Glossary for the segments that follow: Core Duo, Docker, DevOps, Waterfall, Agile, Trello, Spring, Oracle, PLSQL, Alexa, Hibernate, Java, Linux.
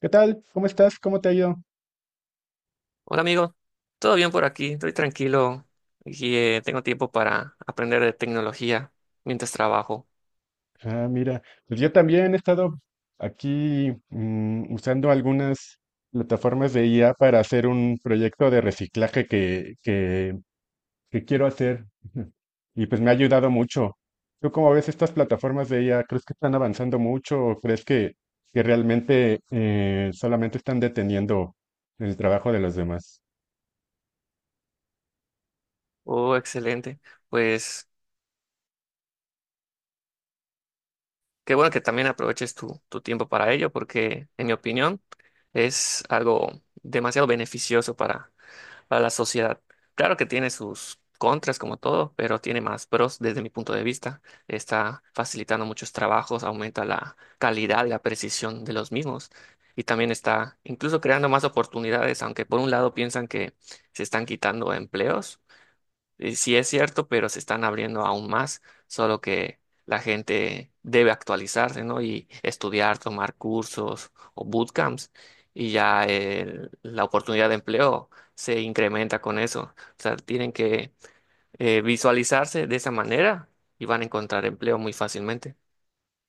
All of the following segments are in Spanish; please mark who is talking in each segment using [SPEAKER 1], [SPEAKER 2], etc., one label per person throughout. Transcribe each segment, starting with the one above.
[SPEAKER 1] ¿Qué tal? ¿Cómo estás? ¿Cómo te ha ido?
[SPEAKER 2] Hola amigo, ¿todo bien por aquí? Estoy tranquilo y tengo tiempo para aprender de tecnología mientras trabajo.
[SPEAKER 1] Ah, mira, pues yo también he estado aquí usando algunas plataformas de IA para hacer un proyecto de reciclaje que quiero hacer. Y pues me ha ayudado mucho. ¿Tú cómo ves estas plataformas de IA? ¿Crees que están avanzando mucho o crees que realmente solamente están deteniendo el trabajo de los demás?
[SPEAKER 2] Oh, excelente. Pues qué bueno que también aproveches tu tiempo para ello porque en mi opinión es algo demasiado beneficioso para la sociedad. Claro que tiene sus contras como todo, pero tiene más pros desde mi punto de vista. Está facilitando muchos trabajos, aumenta la calidad y la precisión de los mismos. Y también está incluso creando más oportunidades, aunque por un lado piensan que se están quitando empleos, sí es cierto, pero se están abriendo aún más, solo que la gente debe actualizarse, ¿no? Y estudiar, tomar cursos o bootcamps, y ya la oportunidad de empleo se incrementa con eso. O sea, tienen que visualizarse de esa manera y van a encontrar empleo muy fácilmente.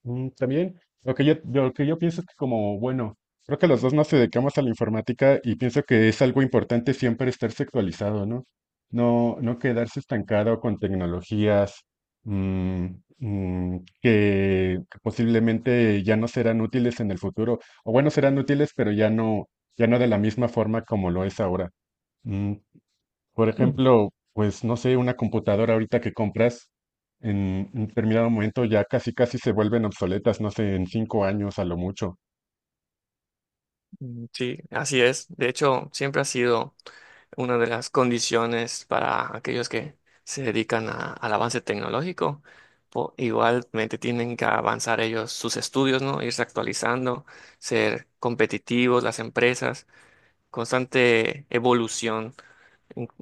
[SPEAKER 1] También, lo que lo que yo pienso es que como, bueno, creo que los dos nos dedicamos a la informática y pienso que es algo importante siempre estar sexualizado, ¿no? No, no quedarse estancado con tecnologías mm, que posiblemente ya no serán útiles en el futuro, o bueno, serán útiles, pero ya no de la misma forma como lo es ahora. Mm, por
[SPEAKER 2] Mm.
[SPEAKER 1] ejemplo, pues no sé, una computadora ahorita que compras en un determinado momento ya casi casi se vuelven obsoletas, no sé, en cinco años a lo mucho.
[SPEAKER 2] Mm, sí, así es. De hecho, siempre ha sido una de las condiciones para aquellos que se dedican al avance tecnológico, igualmente tienen que avanzar ellos sus estudios, ¿no? Irse actualizando, ser competitivos, las empresas, constante evolución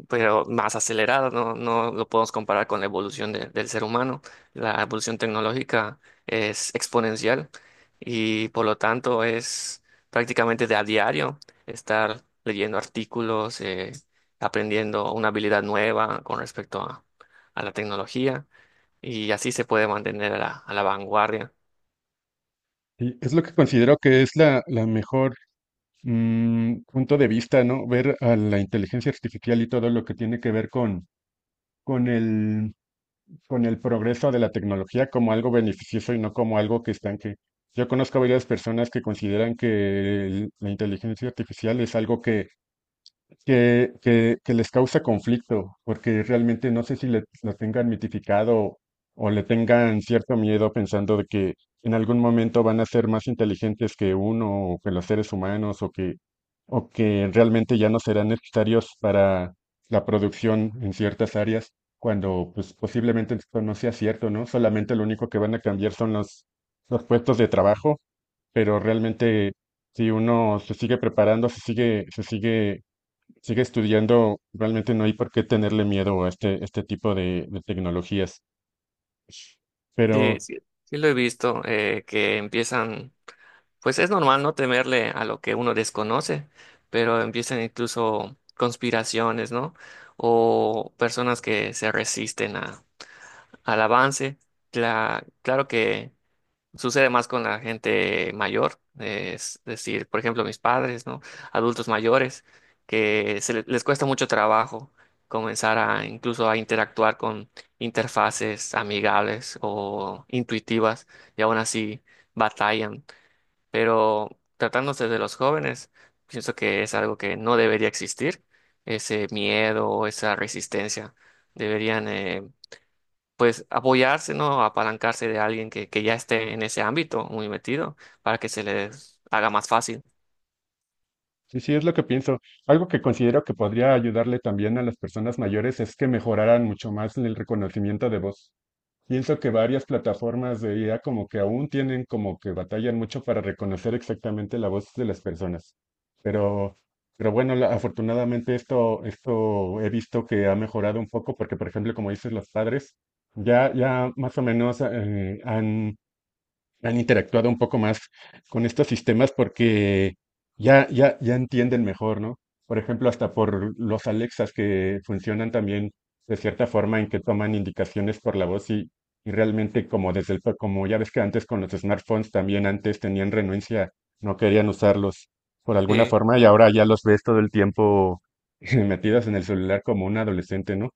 [SPEAKER 2] pero más acelerada no, no lo podemos comparar con la evolución del ser humano. La evolución tecnológica es exponencial y por lo tanto es prácticamente de a diario estar leyendo artículos, aprendiendo una habilidad nueva con respecto a la tecnología y así se puede mantener a la vanguardia.
[SPEAKER 1] Y es lo que considero que es la mejor punto de vista, ¿no? Ver a la inteligencia artificial y todo lo que tiene que ver con el, con el progreso de la tecnología como algo beneficioso y no como algo que estanque. Yo conozco a varias personas que consideran que la inteligencia artificial es algo que les causa conflicto, porque realmente no sé si lo tengan mitificado o le tengan cierto miedo pensando de que en algún momento van a ser más inteligentes que uno o que los seres humanos o que realmente ya no serán necesarios para la producción en ciertas áreas, cuando pues posiblemente esto no sea cierto, ¿no? Solamente lo único que van a cambiar son los puestos de trabajo, pero realmente si uno se sigue preparando, se sigue sigue estudiando, realmente no hay por qué tenerle miedo a este tipo de tecnologías.
[SPEAKER 2] Sí,
[SPEAKER 1] Pero
[SPEAKER 2] sí, sí lo he visto, que empiezan. Pues es normal no temerle a lo que uno desconoce, pero empiezan incluso conspiraciones, ¿no? O personas que se resisten a, al avance. Claro que sucede más con la gente mayor, es decir, por ejemplo, mis padres, ¿no? Adultos mayores, que se les cuesta mucho trabajo comenzar a incluso a interactuar con interfaces amigables o intuitivas y aún así batallan, pero tratándose de los jóvenes, pienso que es algo que no debería existir, ese miedo o esa resistencia. Deberían, pues, apoyarse, ¿no? Apalancarse de alguien que ya esté en ese ámbito muy metido para que se les haga más fácil.
[SPEAKER 1] sí, sí, es lo que pienso. Algo que considero que podría ayudarle también a las personas mayores es que mejoraran mucho más el reconocimiento de voz. Pienso que varias plataformas de IA como que aún tienen como que batallan mucho para reconocer exactamente la voz de las personas. Pero, pero bueno, afortunadamente esto he visto que ha mejorado un poco porque, por ejemplo, como dices, los padres ya más o menos han interactuado un poco más con estos sistemas porque ya entienden mejor, ¿no? Por ejemplo, hasta por los Alexas que funcionan también de cierta forma en que toman indicaciones por la voz y realmente como desde el, como ya ves que antes con los smartphones también antes tenían renuencia, no querían usarlos por alguna forma y ahora ya los ves todo el tiempo metidos en el celular como un adolescente, ¿no?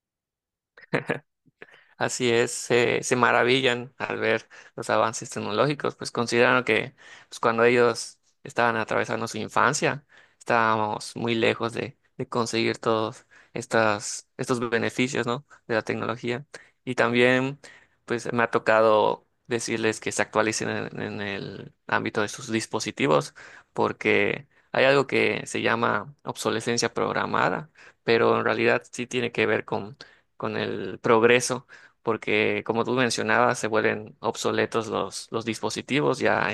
[SPEAKER 2] Así es, se maravillan al ver los avances tecnológicos, pues consideran que, pues, cuando ellos estaban atravesando su infancia, estábamos muy lejos de conseguir todos estos beneficios, ¿no?, de la tecnología. Y también, pues me ha tocado decirles que se actualicen en el ámbito de sus dispositivos, porque hay algo que se llama obsolescencia programada, pero en realidad sí tiene que ver con el progreso, porque como tú mencionabas, se vuelven obsoletos los dispositivos, ya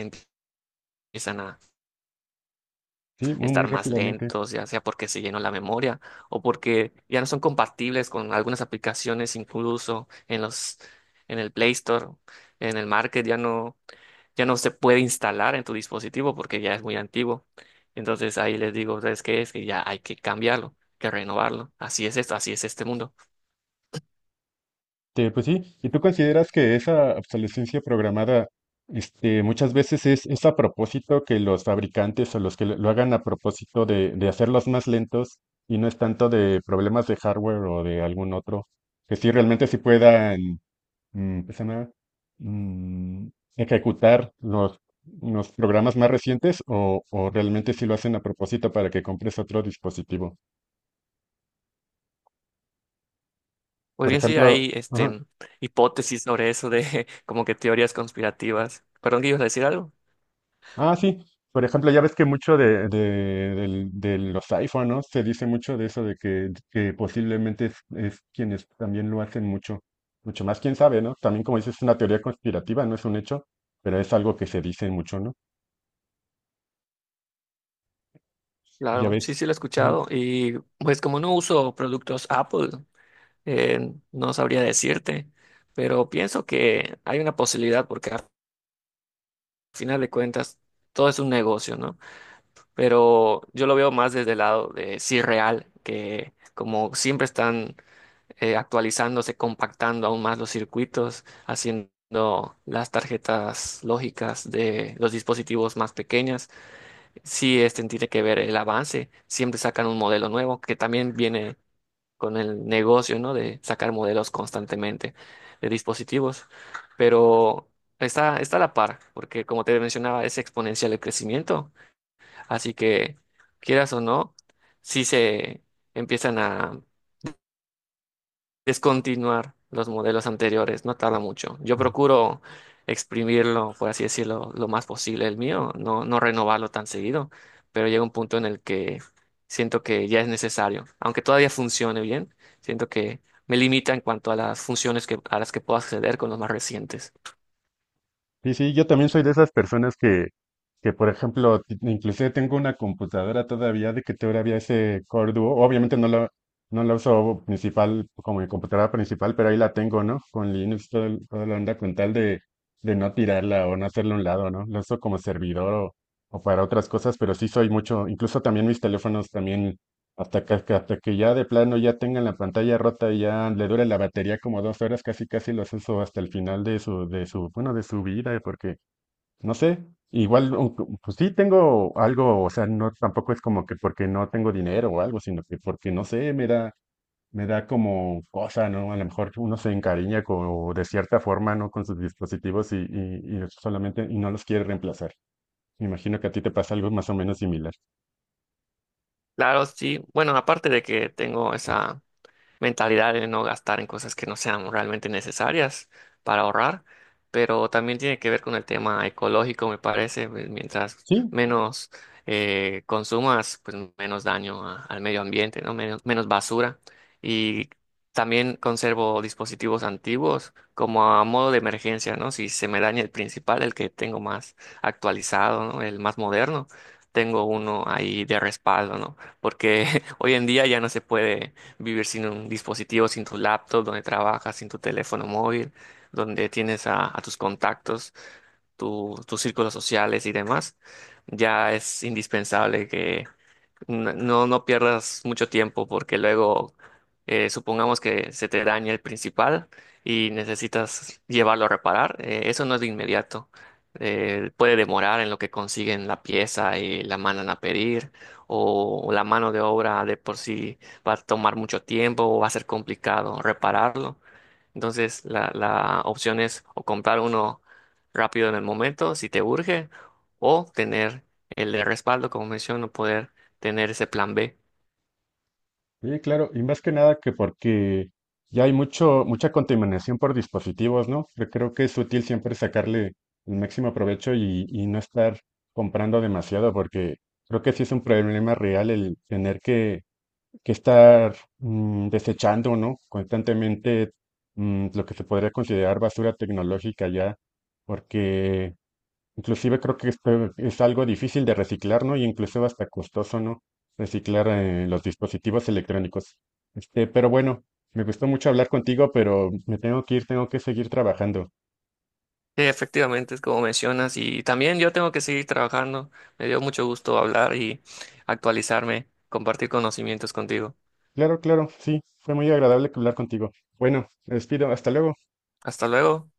[SPEAKER 2] empiezan a
[SPEAKER 1] Sí, muy, muy
[SPEAKER 2] estar más
[SPEAKER 1] rápidamente.
[SPEAKER 2] lentos, ya sea porque se llenó la memoria o porque ya no son compatibles con algunas aplicaciones, incluso en en el Play Store, en el Market, ya no se puede instalar en tu dispositivo porque ya es muy antiguo. Entonces ahí les digo, ¿sabes qué? Es que ya hay que cambiarlo, que renovarlo. Así es esto, así es este mundo.
[SPEAKER 1] Este, pues sí, ¿y tú consideras que esa obsolescencia programada, este, muchas veces es a propósito que los fabricantes o los que lo hagan a propósito de hacerlos más lentos y no es tanto de problemas de hardware o de algún otro, que sí realmente sí puedan, ¿qué se llama? Mm, ejecutar los programas más recientes o realmente sí lo hacen a propósito para que compres otro dispositivo?
[SPEAKER 2] Pues
[SPEAKER 1] Por
[SPEAKER 2] bien, sí,
[SPEAKER 1] ejemplo,
[SPEAKER 2] hay
[SPEAKER 1] ajá.
[SPEAKER 2] hipótesis sobre eso de como que teorías conspirativas. Perdón, que ibas a decir algo.
[SPEAKER 1] Ah, sí. Por ejemplo, ya ves que mucho de los iPhone, ¿no? Se dice mucho de eso, de que posiblemente es quienes también lo hacen mucho, mucho más, quién sabe, ¿no? También como dices, es una teoría conspirativa, no es un hecho, pero es algo que se dice mucho, ¿no? Ya
[SPEAKER 2] Claro, sí,
[SPEAKER 1] ves.
[SPEAKER 2] sí lo he escuchado. Y pues como no uso productos Apple, no sabría decirte, pero pienso que hay una posibilidad porque al final de cuentas todo es un negocio, ¿no? Pero yo lo veo más desde el lado de sí real, que como siempre están actualizándose, compactando aún más los circuitos, haciendo las tarjetas lógicas de los dispositivos más pequeñas. Sí, este tiene que ver el avance. Siempre sacan un modelo nuevo que también viene con el negocio, ¿no?, de sacar modelos constantemente de dispositivos. Pero está a la par, porque como te mencionaba, es exponencial el crecimiento. Así que, quieras o no, sí se empiezan a descontinuar los modelos anteriores, no tarda mucho. Yo
[SPEAKER 1] Ujú.
[SPEAKER 2] procuro exprimirlo, por así decirlo, lo más posible el mío, no renovarlo tan seguido, pero llega un punto en el que siento que ya es necesario, aunque todavía funcione bien, siento que me limita en cuanto a las funciones a las que puedo acceder con los más recientes.
[SPEAKER 1] Sí, sí, yo también soy de esas personas que por ejemplo, inclusive tengo una computadora todavía de que todavía ese Core Duo, obviamente no la uso principal como mi computadora principal, pero ahí la tengo, ¿no? Con Linux, toda la onda, con tal de no tirarla o no hacerla a un lado, ¿no? La uso como servidor o para otras cosas, pero sí soy mucho, incluso también mis teléfonos también hasta hasta que ya de plano ya tengan la pantalla rota y ya le dure la batería como dos horas, casi casi los uso hasta el final bueno, de su vida, porque, no sé, igual, pues sí tengo algo, o sea, no, tampoco es como que porque no tengo dinero o algo, sino que porque, no sé, me da como cosa, ¿no? A lo mejor uno se encariña con, de cierta forma, ¿no? Con sus dispositivos y solamente, y no los quiere reemplazar. Me imagino que a ti te pasa algo más o menos similar.
[SPEAKER 2] Claro, sí. Bueno, aparte de que tengo esa mentalidad de no gastar en cosas que no sean realmente necesarias para ahorrar, pero también tiene que ver con el tema ecológico, me parece, pues, mientras
[SPEAKER 1] Sí.
[SPEAKER 2] menos consumas, pues menos daño al medio ambiente, ¿no? Menos, menos basura. Y también conservo dispositivos antiguos como a modo de emergencia, ¿no? Si se me daña el principal, el que tengo más actualizado, ¿no?, el más moderno. Tengo uno ahí de respaldo, ¿no? Porque hoy en día ya no se puede vivir sin un dispositivo, sin tu laptop, donde trabajas, sin tu teléfono móvil, donde tienes a tus contactos, tus círculos sociales y demás. Ya es indispensable que no pierdas mucho tiempo porque luego, supongamos que se te daña el principal y necesitas llevarlo a reparar. Eso no es de inmediato. Puede demorar en lo que consiguen la pieza y la mandan a pedir, o la mano de obra de por sí va a tomar mucho tiempo o va a ser complicado repararlo. Entonces, la opción es o comprar uno rápido en el momento, si te urge, o tener el de respaldo, como menciono, poder tener ese plan B.
[SPEAKER 1] Sí, claro, y más que nada que porque ya hay mucho, mucha contaminación por dispositivos, ¿no? Yo creo que es útil siempre sacarle el máximo provecho y no estar comprando demasiado, porque creo que sí es un problema real el tener que estar desechando, ¿no? Constantemente lo que se podría considerar basura tecnológica ya, porque inclusive creo que este es algo difícil de reciclar, ¿no? Y incluso hasta costoso, ¿no? Reciclar los dispositivos electrónicos. Este, pero bueno, me gustó mucho hablar contigo, pero me tengo que ir, tengo que seguir trabajando.
[SPEAKER 2] Sí, efectivamente, es como mencionas, y también yo tengo que seguir trabajando. Me dio mucho gusto hablar y actualizarme, compartir conocimientos contigo.
[SPEAKER 1] Claro, claro, sí, fue muy agradable hablar contigo. Bueno, me despido, hasta luego.
[SPEAKER 2] Hasta luego.